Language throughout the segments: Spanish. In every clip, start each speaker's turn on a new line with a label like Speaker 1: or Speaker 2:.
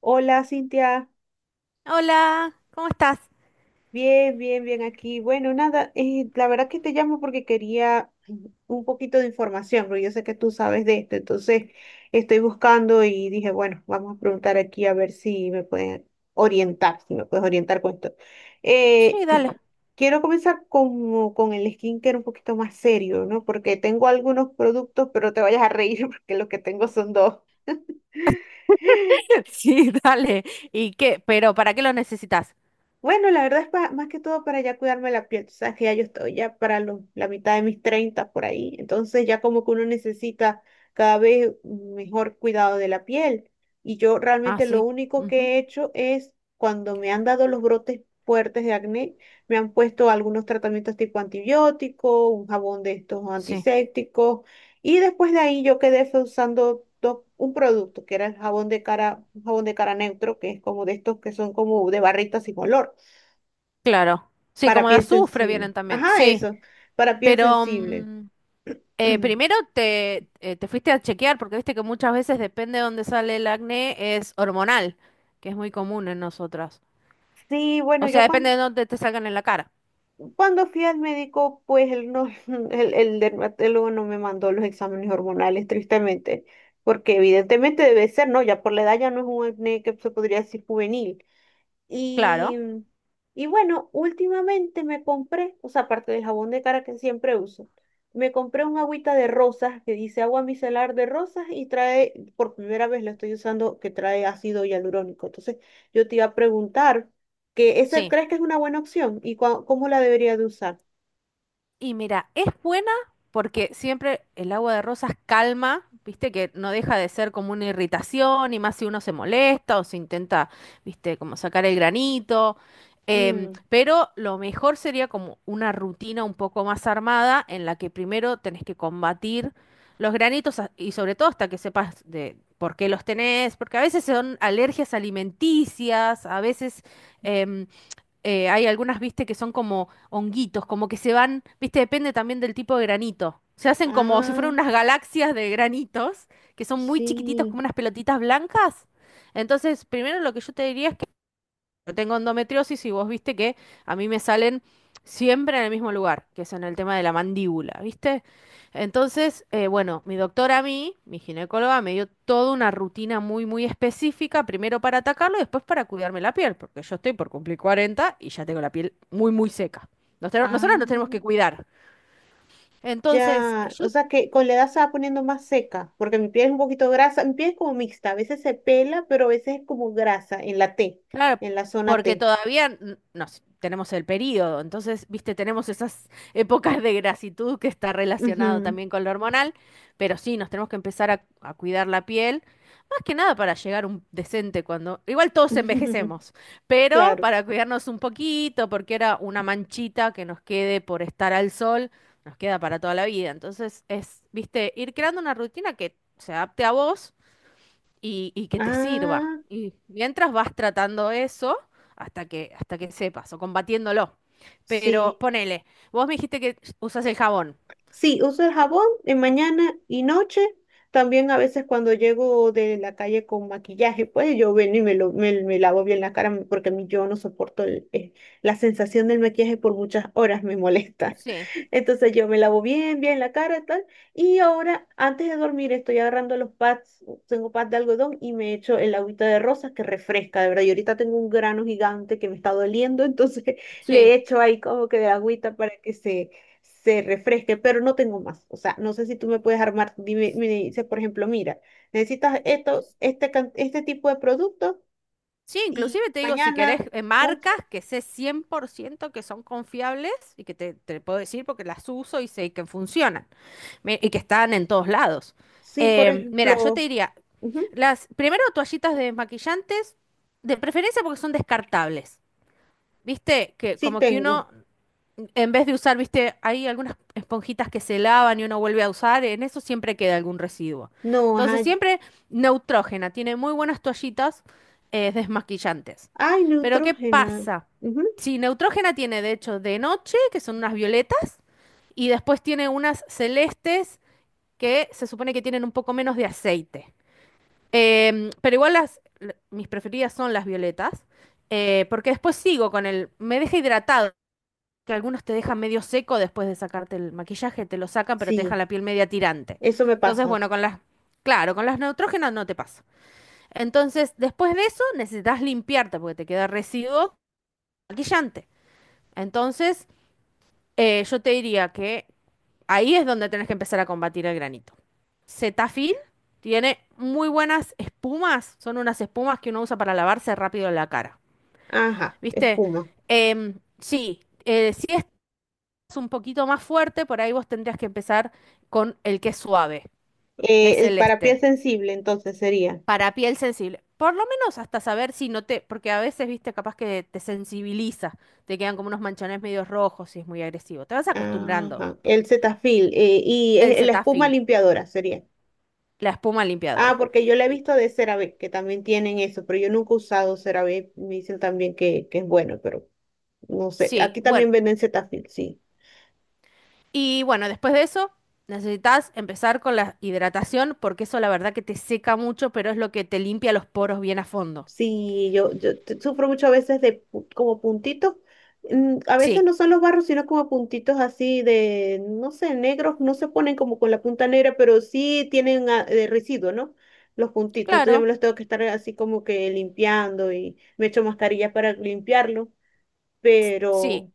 Speaker 1: Hola, Cintia.
Speaker 2: Hola, ¿cómo estás?
Speaker 1: Bien, bien, bien aquí. Bueno, nada, la verdad que te llamo porque quería un poquito de información, porque yo sé que tú sabes de esto, entonces estoy buscando y dije, bueno, vamos a preguntar aquí a ver si me pueden orientar, si me puedes orientar con esto.
Speaker 2: Sí,
Speaker 1: Eh,
Speaker 2: dale.
Speaker 1: Quiero comenzar con el skincare un poquito más serio, ¿no? Porque tengo algunos productos, pero no te vayas a reír porque lo que tengo son dos.
Speaker 2: Sí, dale. ¿Y qué? Pero ¿para qué lo necesitas?
Speaker 1: Bueno, la verdad es más que todo para ya cuidarme la piel. Tú sabes que ya yo estoy ya para la mitad de mis 30 por ahí. Entonces ya como que uno necesita cada vez mejor cuidado de la piel. Y yo
Speaker 2: Ah,
Speaker 1: realmente lo
Speaker 2: sí.
Speaker 1: único
Speaker 2: Ujú,
Speaker 1: que he hecho es cuando me han dado los brotes fuertes de acné, me han puesto algunos tratamientos tipo antibiótico, un jabón de estos
Speaker 2: sí,
Speaker 1: antisépticos. Y después de ahí yo quedé fue usando un producto que era el jabón de cara, un jabón de cara neutro, que es como de estos que son como de barritas sin olor.
Speaker 2: claro. Sí,
Speaker 1: Para
Speaker 2: como de
Speaker 1: piel
Speaker 2: azufre
Speaker 1: sensible.
Speaker 2: vienen también.
Speaker 1: Ajá,
Speaker 2: Sí,
Speaker 1: eso. Para piel
Speaker 2: pero
Speaker 1: sensible.
Speaker 2: primero te fuiste a chequear porque viste que muchas veces depende de dónde sale el acné, es hormonal, que es muy común en nosotras.
Speaker 1: Sí, bueno,
Speaker 2: O sea,
Speaker 1: yo
Speaker 2: depende
Speaker 1: cuando,
Speaker 2: de dónde te salgan en la cara.
Speaker 1: cuando fui al médico, pues él no, el dermatólogo no me mandó los exámenes hormonales, tristemente, porque evidentemente debe ser, ¿no? Ya por la edad ya no es un acné que se podría decir juvenil. Y,
Speaker 2: Claro,
Speaker 1: y bueno, últimamente me compré, o sea, aparte del jabón de cara que siempre uso, me compré un agüita de rosas que dice agua micelar de rosas y trae, por primera vez la estoy usando, que trae ácido hialurónico. Entonces, yo te iba a preguntar que ese
Speaker 2: sí.
Speaker 1: ¿crees que es una buena opción? ¿Y cómo la debería de usar?
Speaker 2: Y mira, es buena porque siempre el agua de rosas calma, viste que no deja de ser como una irritación y más si uno se molesta o se intenta, viste, como sacar el granito.
Speaker 1: Mm.
Speaker 2: Pero lo mejor sería como una rutina un poco más armada en la que primero tenés que combatir los granitos y sobre todo hasta que sepas de por qué los tenés, porque a veces son alergias alimenticias, a veces, em, hay algunas, viste, que son como honguitos, como que se van, viste, depende también del tipo de granito. Se hacen como si
Speaker 1: Ah,
Speaker 2: fueran unas galaxias de granitos, que son muy chiquititos, como
Speaker 1: sí.
Speaker 2: unas pelotitas blancas. Entonces, primero lo que yo te diría es yo tengo endometriosis y vos viste que a mí me salen siempre en el mismo lugar, que es en el tema de la mandíbula, ¿viste? Entonces, bueno, mi doctora a mí, mi ginecóloga, me dio toda una rutina muy, muy específica, primero para atacarlo y después para cuidarme la piel, porque yo estoy por cumplir 40 y ya tengo la piel muy, muy seca. Nosotros nos tenemos que
Speaker 1: Ah.
Speaker 2: cuidar. Entonces,
Speaker 1: Ya,
Speaker 2: yo.
Speaker 1: o sea que con la edad se va poniendo más seca, porque mi piel es un poquito grasa, mi piel es como mixta, a veces se pela, pero a veces es como grasa en la T,
Speaker 2: Claro,
Speaker 1: en la zona
Speaker 2: porque
Speaker 1: T.
Speaker 2: todavía no sé, tenemos el periodo, entonces, viste, tenemos esas épocas de grasitud que está relacionado
Speaker 1: Ujú.
Speaker 2: también con lo hormonal, pero sí, nos tenemos que empezar a cuidar la piel, más que nada para llegar un decente cuando, igual todos envejecemos, pero
Speaker 1: Claro.
Speaker 2: para cuidarnos un poquito, porque era una manchita que nos quede por estar al sol, nos queda para toda la vida, entonces es, viste, ir creando una rutina que se adapte a vos y que te sirva.
Speaker 1: Ah,
Speaker 2: Y mientras vas tratando eso hasta que sepas o combatiéndolo. Pero
Speaker 1: sí.
Speaker 2: ponele, vos me dijiste que usas el jabón.
Speaker 1: Sí, uso el jabón en mañana y noche. También a veces cuando llego de la calle con maquillaje, pues yo vengo y me lavo bien la cara porque a mí yo no soporto la sensación del maquillaje por muchas horas, me molesta.
Speaker 2: Sí,
Speaker 1: Entonces yo me lavo bien, bien la cara y tal. Y ahora, antes de dormir, estoy agarrando los pads, tengo pads de algodón y me echo el agüita de rosas que refresca, de verdad. Y ahorita tengo un grano gigante que me está doliendo, entonces le
Speaker 2: sí.
Speaker 1: echo ahí como que de agüita para que se refresque, pero no tengo más. O sea, no sé si tú me puedes armar, dime, me dices, por ejemplo, mira, necesitas esto, este tipo de producto
Speaker 2: Sí,
Speaker 1: y
Speaker 2: inclusive te digo, si querés
Speaker 1: mañana, ups,
Speaker 2: marcas que sé 100% que son confiables y que te puedo decir porque las uso y sé que funcionan y que están en todos lados.
Speaker 1: sí, por
Speaker 2: Mira, yo te
Speaker 1: ejemplo,
Speaker 2: diría,
Speaker 1: ujú,
Speaker 2: las primero toallitas de maquillantes, de preferencia porque son descartables. Viste que
Speaker 1: sí
Speaker 2: como que
Speaker 1: tengo.
Speaker 2: uno, en vez de usar, viste, hay algunas esponjitas que se lavan y uno vuelve a usar, en eso siempre queda algún residuo.
Speaker 1: No,
Speaker 2: Entonces,
Speaker 1: ajá,
Speaker 2: siempre neutrógena, tiene muy buenas toallitas desmaquillantes.
Speaker 1: ay,
Speaker 2: Pero ¿qué
Speaker 1: Neutrogena.
Speaker 2: pasa?
Speaker 1: Ujú,
Speaker 2: Sí, neutrógena tiene, de hecho, de noche, que son unas violetas, y después tiene unas celestes que se supone que tienen un poco menos de aceite. Pero igual mis preferidas son las violetas porque después sigo con el, me deja hidratado, que algunos te dejan medio seco después de sacarte el maquillaje, te lo sacan, pero te dejan
Speaker 1: sí,
Speaker 2: la piel media tirante.
Speaker 1: eso me
Speaker 2: Entonces,
Speaker 1: pasa.
Speaker 2: bueno, con las, claro, con las neutrógenas no te pasa. Entonces, después de eso, necesitas limpiarte porque te queda residuo maquillante. Entonces, yo te diría que ahí es donde tenés que empezar a combatir el granito. Cetaphil tiene muy buenas espumas, son unas espumas que uno usa para lavarse rápido la cara.
Speaker 1: Ajá,
Speaker 2: ¿Viste?
Speaker 1: espuma.
Speaker 2: Sí, sí, un poquito más fuerte, por ahí vos tendrías que empezar con el que es suave, que es
Speaker 1: El
Speaker 2: el
Speaker 1: para piel
Speaker 2: este,
Speaker 1: sensible, entonces sería.
Speaker 2: para piel sensible. Por lo menos hasta saber si no te, porque a veces, viste, capaz que te sensibiliza, te quedan como unos manchones medios rojos si es muy agresivo. Te vas acostumbrando.
Speaker 1: Ajá, el Cetaphil y
Speaker 2: El
Speaker 1: la espuma
Speaker 2: Cetaphil,
Speaker 1: limpiadora sería.
Speaker 2: la espuma
Speaker 1: Ah,
Speaker 2: limpiadora.
Speaker 1: porque yo la he
Speaker 2: Y-
Speaker 1: visto de CeraVe, que también tienen eso, pero yo nunca he usado CeraVe. Me dicen también que es bueno, pero no sé.
Speaker 2: sí,
Speaker 1: Aquí
Speaker 2: bueno.
Speaker 1: también venden Cetaphil, sí.
Speaker 2: Y bueno, después de eso, necesitas empezar con la hidratación, porque eso la verdad que te seca mucho, pero es lo que te limpia los poros bien a fondo.
Speaker 1: Sí, yo sufro mucho a veces de como puntitos. A veces
Speaker 2: Sí,
Speaker 1: no son los barros, sino como puntitos así de, no sé, negros. No se ponen como con la punta negra, pero sí tienen residuo, ¿no? Los puntitos. Entonces yo
Speaker 2: claro.
Speaker 1: me los tengo que estar así como que limpiando y me echo mascarilla para limpiarlo,
Speaker 2: Sí,
Speaker 1: pero.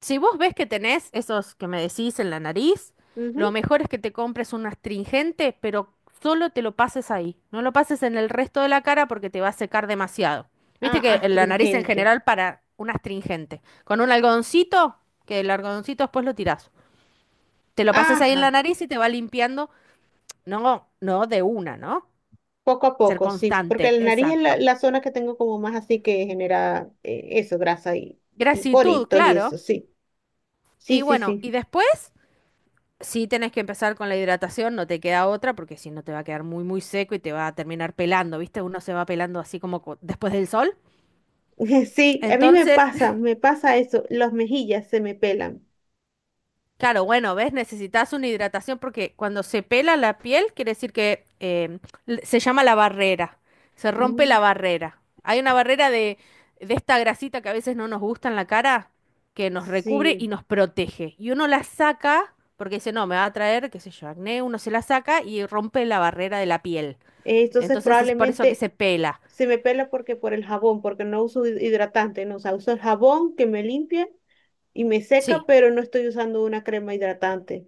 Speaker 2: si vos ves que tenés esos que me decís en la nariz,
Speaker 1: Ujú.
Speaker 2: lo mejor es que te compres un astringente, pero solo te lo pases ahí. No lo pases en el resto de la cara porque te va a secar demasiado.
Speaker 1: Ah,
Speaker 2: Viste que en la nariz en
Speaker 1: astringente.
Speaker 2: general para un astringente. Con un algodoncito, que el algodoncito después lo tirás. Te lo pasas ahí en la
Speaker 1: Ajá,
Speaker 2: nariz y te va limpiando. No, no de una, ¿no?
Speaker 1: poco a
Speaker 2: Ser
Speaker 1: poco, sí, porque
Speaker 2: constante,
Speaker 1: la nariz es la,
Speaker 2: exacto.
Speaker 1: la zona que tengo como más así que genera eso, grasa y
Speaker 2: Gratitud,
Speaker 1: poritos y
Speaker 2: claro.
Speaker 1: eso, sí. Sí,
Speaker 2: Y
Speaker 1: sí,
Speaker 2: bueno, y
Speaker 1: sí.
Speaker 2: después. Sí tenés que empezar con la hidratación, no te queda otra, porque si no te va a quedar muy, muy seco y te va a terminar pelando, ¿viste? Uno se va pelando así como después del sol.
Speaker 1: Sí, a mí
Speaker 2: Entonces,
Speaker 1: me pasa eso, las mejillas se me pelan.
Speaker 2: claro, bueno, ¿ves? Necesitas una hidratación porque cuando se pela la piel, quiere decir que se llama la barrera, se rompe
Speaker 1: Mm.
Speaker 2: la barrera. Hay una barrera de, esta grasita que a veces no nos gusta en la cara, que nos recubre
Speaker 1: Sí.
Speaker 2: y nos protege. Y uno la saca, porque dice, no, me va a traer, qué sé yo, acné, uno se la saca y rompe la barrera de la piel.
Speaker 1: Entonces
Speaker 2: Entonces es por eso que
Speaker 1: probablemente
Speaker 2: se pela.
Speaker 1: se me pela porque por el jabón, porque no uso hidratante, no, o sea, uso el jabón que me limpia y me seca,
Speaker 2: Sí,
Speaker 1: pero no estoy usando una crema hidratante.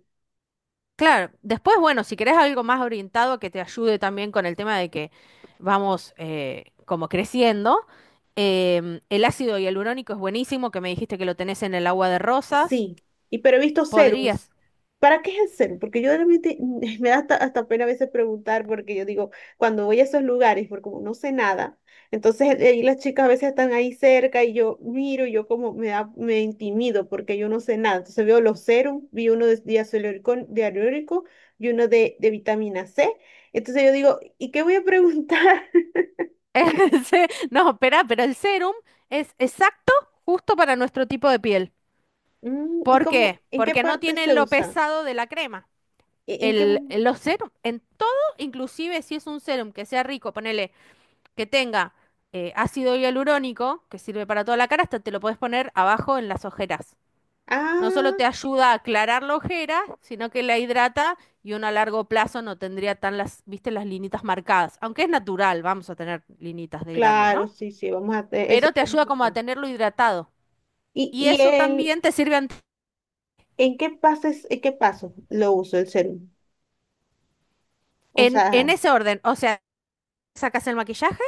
Speaker 2: claro. Después, bueno, si querés algo más orientado que te ayude también con el tema de que vamos como creciendo, el ácido hialurónico es buenísimo, que me dijiste que lo tenés en el agua de rosas.
Speaker 1: Sí, y pero he visto
Speaker 2: Podrías.
Speaker 1: serums. ¿Para qué es el serum? Porque yo realmente me da hasta pena a veces preguntar, porque yo digo, cuando voy a esos lugares, porque como no sé nada, entonces ahí las chicas a veces están ahí cerca y yo miro, y yo como me intimido porque yo no sé nada. Entonces veo los serums, vi uno de diacelurílico, dialurílico y uno de vitamina C. Entonces yo digo, ¿y qué voy a preguntar?
Speaker 2: El No, espera, pero el serum es exacto, justo para nuestro tipo de piel.
Speaker 1: ¿Y
Speaker 2: ¿Por
Speaker 1: cómo,
Speaker 2: qué?
Speaker 1: en qué
Speaker 2: Porque no
Speaker 1: parte
Speaker 2: tiene
Speaker 1: se
Speaker 2: lo
Speaker 1: usa?
Speaker 2: pesado de la crema.
Speaker 1: ¿En qué?
Speaker 2: Los serum, en todo, inclusive si es un serum que sea rico, ponele que tenga ácido hialurónico, que sirve para toda la cara, hasta te lo puedes poner abajo en las ojeras. No solo
Speaker 1: Ah.
Speaker 2: te ayuda a aclarar la ojera, sino que la hidrata y uno a largo plazo no tendría tan las, viste, las linitas marcadas. Aunque es natural, vamos a tener linitas de grande, ¿no?
Speaker 1: Claro, sí, sí, vamos a hacer eso.
Speaker 2: Pero te
Speaker 1: Es
Speaker 2: ayuda
Speaker 1: muy
Speaker 2: como a
Speaker 1: bueno.
Speaker 2: tenerlo hidratado.
Speaker 1: ¿Y,
Speaker 2: Y
Speaker 1: y
Speaker 2: eso
Speaker 1: el,
Speaker 2: también te sirve
Speaker 1: en qué pases, en qué paso lo uso el serum? O
Speaker 2: en
Speaker 1: sea,
Speaker 2: ese orden. O sea, sacas el maquillaje,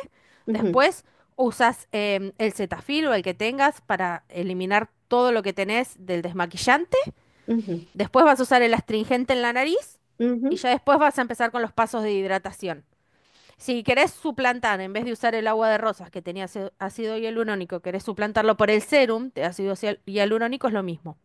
Speaker 1: ujú,
Speaker 2: después usas el Cetaphil o el que tengas para eliminar todo lo que tenés del desmaquillante.
Speaker 1: ujú,
Speaker 2: Después vas a usar el astringente en la nariz
Speaker 1: ujú.
Speaker 2: y ya después vas a empezar con los pasos de hidratación. Si querés suplantar, en vez de usar el agua de rosas que tenía ácido hialurónico, querés suplantarlo por el serum de ácido hialurónico, es lo mismo.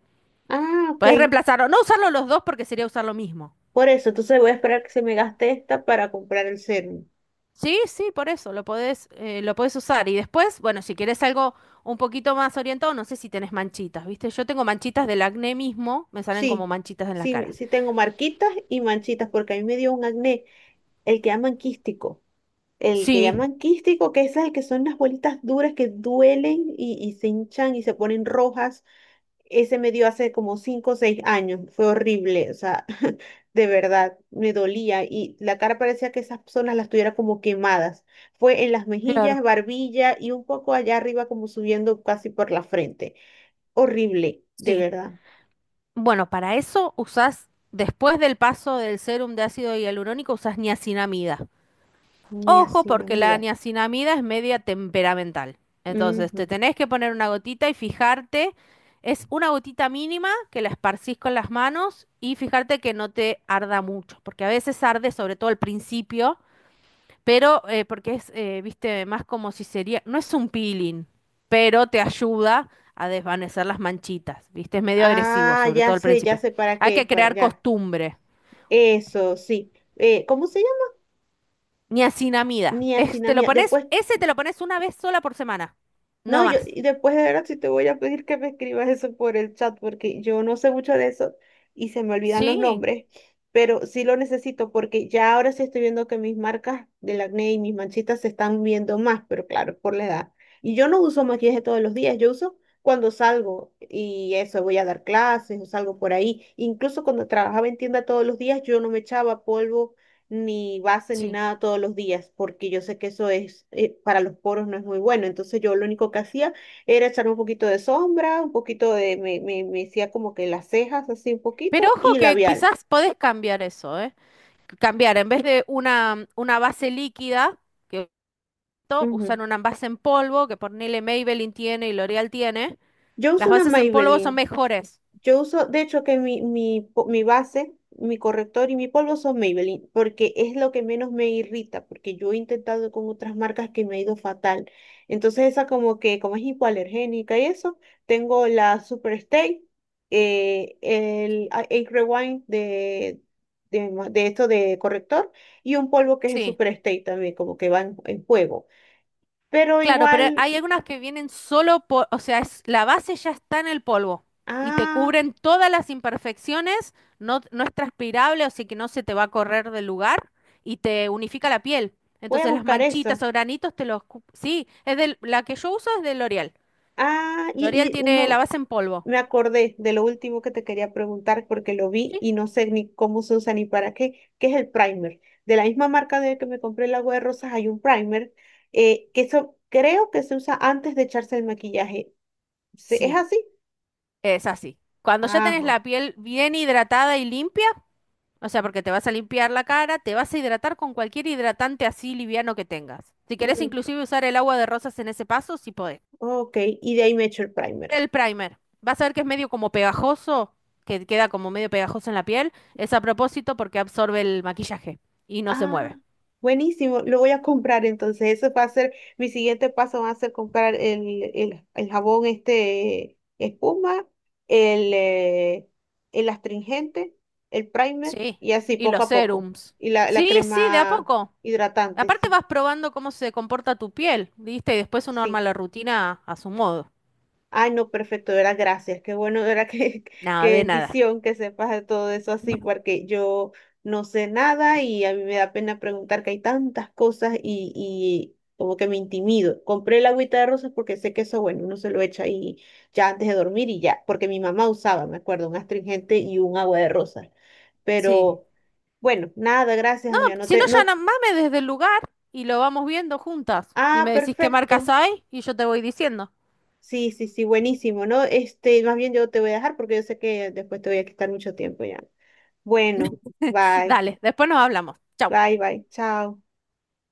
Speaker 1: Ah, ok.
Speaker 2: Podés reemplazarlo, no usarlo los dos porque sería usar lo mismo.
Speaker 1: Por eso, entonces voy a esperar que se me gaste esta para comprar el serum.
Speaker 2: Sí, sí, por eso, lo podés usar. Y después, bueno, si querés algo un poquito más orientado, no sé si tenés manchitas, ¿viste? Yo tengo manchitas del acné mismo, me salen como
Speaker 1: Sí,
Speaker 2: manchitas en la
Speaker 1: sí,
Speaker 2: cara.
Speaker 1: sí tengo marquitas y manchitas porque a mí me dio un acné, el que llaman quístico. El que
Speaker 2: Sí,
Speaker 1: llaman quístico, que es el que son las bolitas duras que duelen y se hinchan y se ponen rojas. Ese me dio hace como 5 o 6 años, fue horrible, o sea, de verdad, me dolía y la cara parecía que esas zonas las tuviera como quemadas. Fue en las mejillas,
Speaker 2: claro.
Speaker 1: barbilla y un poco allá arriba como subiendo casi por la frente. Horrible, de
Speaker 2: Sí.
Speaker 1: verdad.
Speaker 2: Bueno, para eso usás, después del paso del sérum de ácido hialurónico, usás niacinamida. Ojo, porque la
Speaker 1: Niacinamida.
Speaker 2: niacinamida es media temperamental. Entonces,
Speaker 1: Ujú.
Speaker 2: te tenés que poner una gotita y fijarte, es una gotita mínima que la esparcís con las manos y fijarte que no te arda mucho, porque a veces arde, sobre todo al principio, pero porque es, viste, más como si sería, no es un peeling, pero te ayuda a desvanecer las manchitas, viste, es medio agresivo,
Speaker 1: Ah,
Speaker 2: sobre todo al
Speaker 1: ya
Speaker 2: principio.
Speaker 1: sé para
Speaker 2: Hay
Speaker 1: qué es,
Speaker 2: que
Speaker 1: para
Speaker 2: crear
Speaker 1: ya.
Speaker 2: costumbre,
Speaker 1: Eso, sí. ¿Cómo se llama?
Speaker 2: niacinamida, es, te lo
Speaker 1: Niacinamida.
Speaker 2: pones,
Speaker 1: Después
Speaker 2: ese te lo pones una vez sola por semana,
Speaker 1: no,
Speaker 2: no más.
Speaker 1: y después de ahora sí te voy a pedir que me escribas eso por el chat, porque yo no sé mucho de eso y se me olvidan los
Speaker 2: Sí,
Speaker 1: nombres, pero sí lo necesito porque ya ahora sí estoy viendo que mis marcas del acné y mis manchitas se están viendo más, pero claro, por la edad. Y yo no uso maquillaje todos los días, yo uso cuando salgo y eso, voy a dar clases o salgo por ahí. Incluso cuando trabajaba en tienda todos los días, yo no me echaba polvo ni base ni
Speaker 2: sí.
Speaker 1: nada todos los días, porque yo sé que eso es, para los poros no es muy bueno. Entonces yo lo único que hacía era echar un poquito de sombra, un poquito me hacía como que las cejas así un
Speaker 2: Pero
Speaker 1: poquito
Speaker 2: ojo
Speaker 1: y
Speaker 2: que
Speaker 1: labial.
Speaker 2: quizás podés cambiar eso, ¿eh? Cambiar, en vez de una base líquida, que esto,
Speaker 1: Ujú.
Speaker 2: usan una base en polvo, que ponele Maybelline tiene y L'Oreal tiene.
Speaker 1: Yo uso
Speaker 2: Las
Speaker 1: una
Speaker 2: bases en polvo son
Speaker 1: Maybelline.
Speaker 2: mejores.
Speaker 1: Yo uso, de hecho, que mi base, mi corrector y mi polvo son Maybelline, porque es lo que menos me irrita, porque yo he intentado con otras marcas que me ha ido fatal. Entonces esa como que, como es hipoalergénica y eso, tengo la Superstay, el Age Rewind de esto de corrector y un polvo que es el
Speaker 2: Sí,
Speaker 1: Superstay también, como que va en juego. Pero
Speaker 2: claro, pero
Speaker 1: igual,
Speaker 2: hay algunas que vienen solo por, o sea, es, la base ya está en el polvo y te
Speaker 1: ah,
Speaker 2: cubren todas las imperfecciones, no, no es transpirable, o sea que no se te va a correr del lugar y te unifica la piel.
Speaker 1: voy a
Speaker 2: Entonces las
Speaker 1: buscar
Speaker 2: manchitas
Speaker 1: eso.
Speaker 2: o granitos te los, sí, es del, la que yo uso es de L'Oreal.
Speaker 1: Ah, y,
Speaker 2: L'Oreal
Speaker 1: y
Speaker 2: tiene la
Speaker 1: uno,
Speaker 2: base en polvo.
Speaker 1: me acordé de lo último que te quería preguntar porque lo vi
Speaker 2: ¿Sí?
Speaker 1: y no sé ni cómo se usa ni para qué, que es el primer. De la misma marca de que me compré el agua de rosas hay un primer que eso creo que se usa antes de echarse el maquillaje. ¿Es
Speaker 2: Sí,
Speaker 1: así?
Speaker 2: es así. Cuando ya tenés
Speaker 1: Ajá.
Speaker 2: la piel bien hidratada y limpia. O sea, porque te vas a limpiar la cara, te vas a hidratar con cualquier hidratante así liviano que tengas. Si querés
Speaker 1: Mm,
Speaker 2: inclusive usar el agua de rosas en ese paso, sí podés.
Speaker 1: ok, y de ahí me echo el primer.
Speaker 2: El primer. Vas a ver que es medio como pegajoso, que queda como medio pegajoso en la piel. Es a propósito porque absorbe el maquillaje y no se
Speaker 1: Ah,
Speaker 2: mueve.
Speaker 1: buenísimo, lo voy a comprar entonces. Eso va a ser, mi siguiente paso va a ser comprar el jabón este espuma, el, eh, el astringente, el primer
Speaker 2: Sí.
Speaker 1: y así
Speaker 2: Y
Speaker 1: poco
Speaker 2: los
Speaker 1: a poco.
Speaker 2: serums.
Speaker 1: Y la
Speaker 2: Sí, sí, de a
Speaker 1: crema
Speaker 2: poco.
Speaker 1: hidratante,
Speaker 2: Aparte
Speaker 1: sí,
Speaker 2: vas probando cómo se comporta tu piel, ¿viste? Y después uno arma
Speaker 1: sí.
Speaker 2: la rutina a su modo.
Speaker 1: Ay, no, perfecto, era gracias. Qué bueno, era que,
Speaker 2: Nada,
Speaker 1: qué
Speaker 2: de nada.
Speaker 1: bendición que sepas de todo eso así, porque yo no sé nada y a mí me da pena preguntar que hay tantas cosas y como que me intimido. Compré el agüita de rosas porque sé que eso, bueno, uno se lo echa ahí ya antes de dormir y ya, porque mi mamá usaba, me acuerdo, un astringente y un agua de rosas.
Speaker 2: Sí.
Speaker 1: Pero bueno, nada, gracias,
Speaker 2: No,
Speaker 1: amiga. No
Speaker 2: si no,
Speaker 1: te,
Speaker 2: ya
Speaker 1: no,
Speaker 2: mame desde el lugar y lo vamos viendo juntas. Y me decís qué marcas
Speaker 1: perfecto.
Speaker 2: hay y yo te voy diciendo.
Speaker 1: Sí, sí, sí, buenísimo, ¿no? Este, más bien yo te voy a dejar porque yo sé que después te voy a quitar mucho tiempo ya. Bueno, bye,
Speaker 2: Dale, después nos hablamos. Chau.
Speaker 1: bye, bye, chao.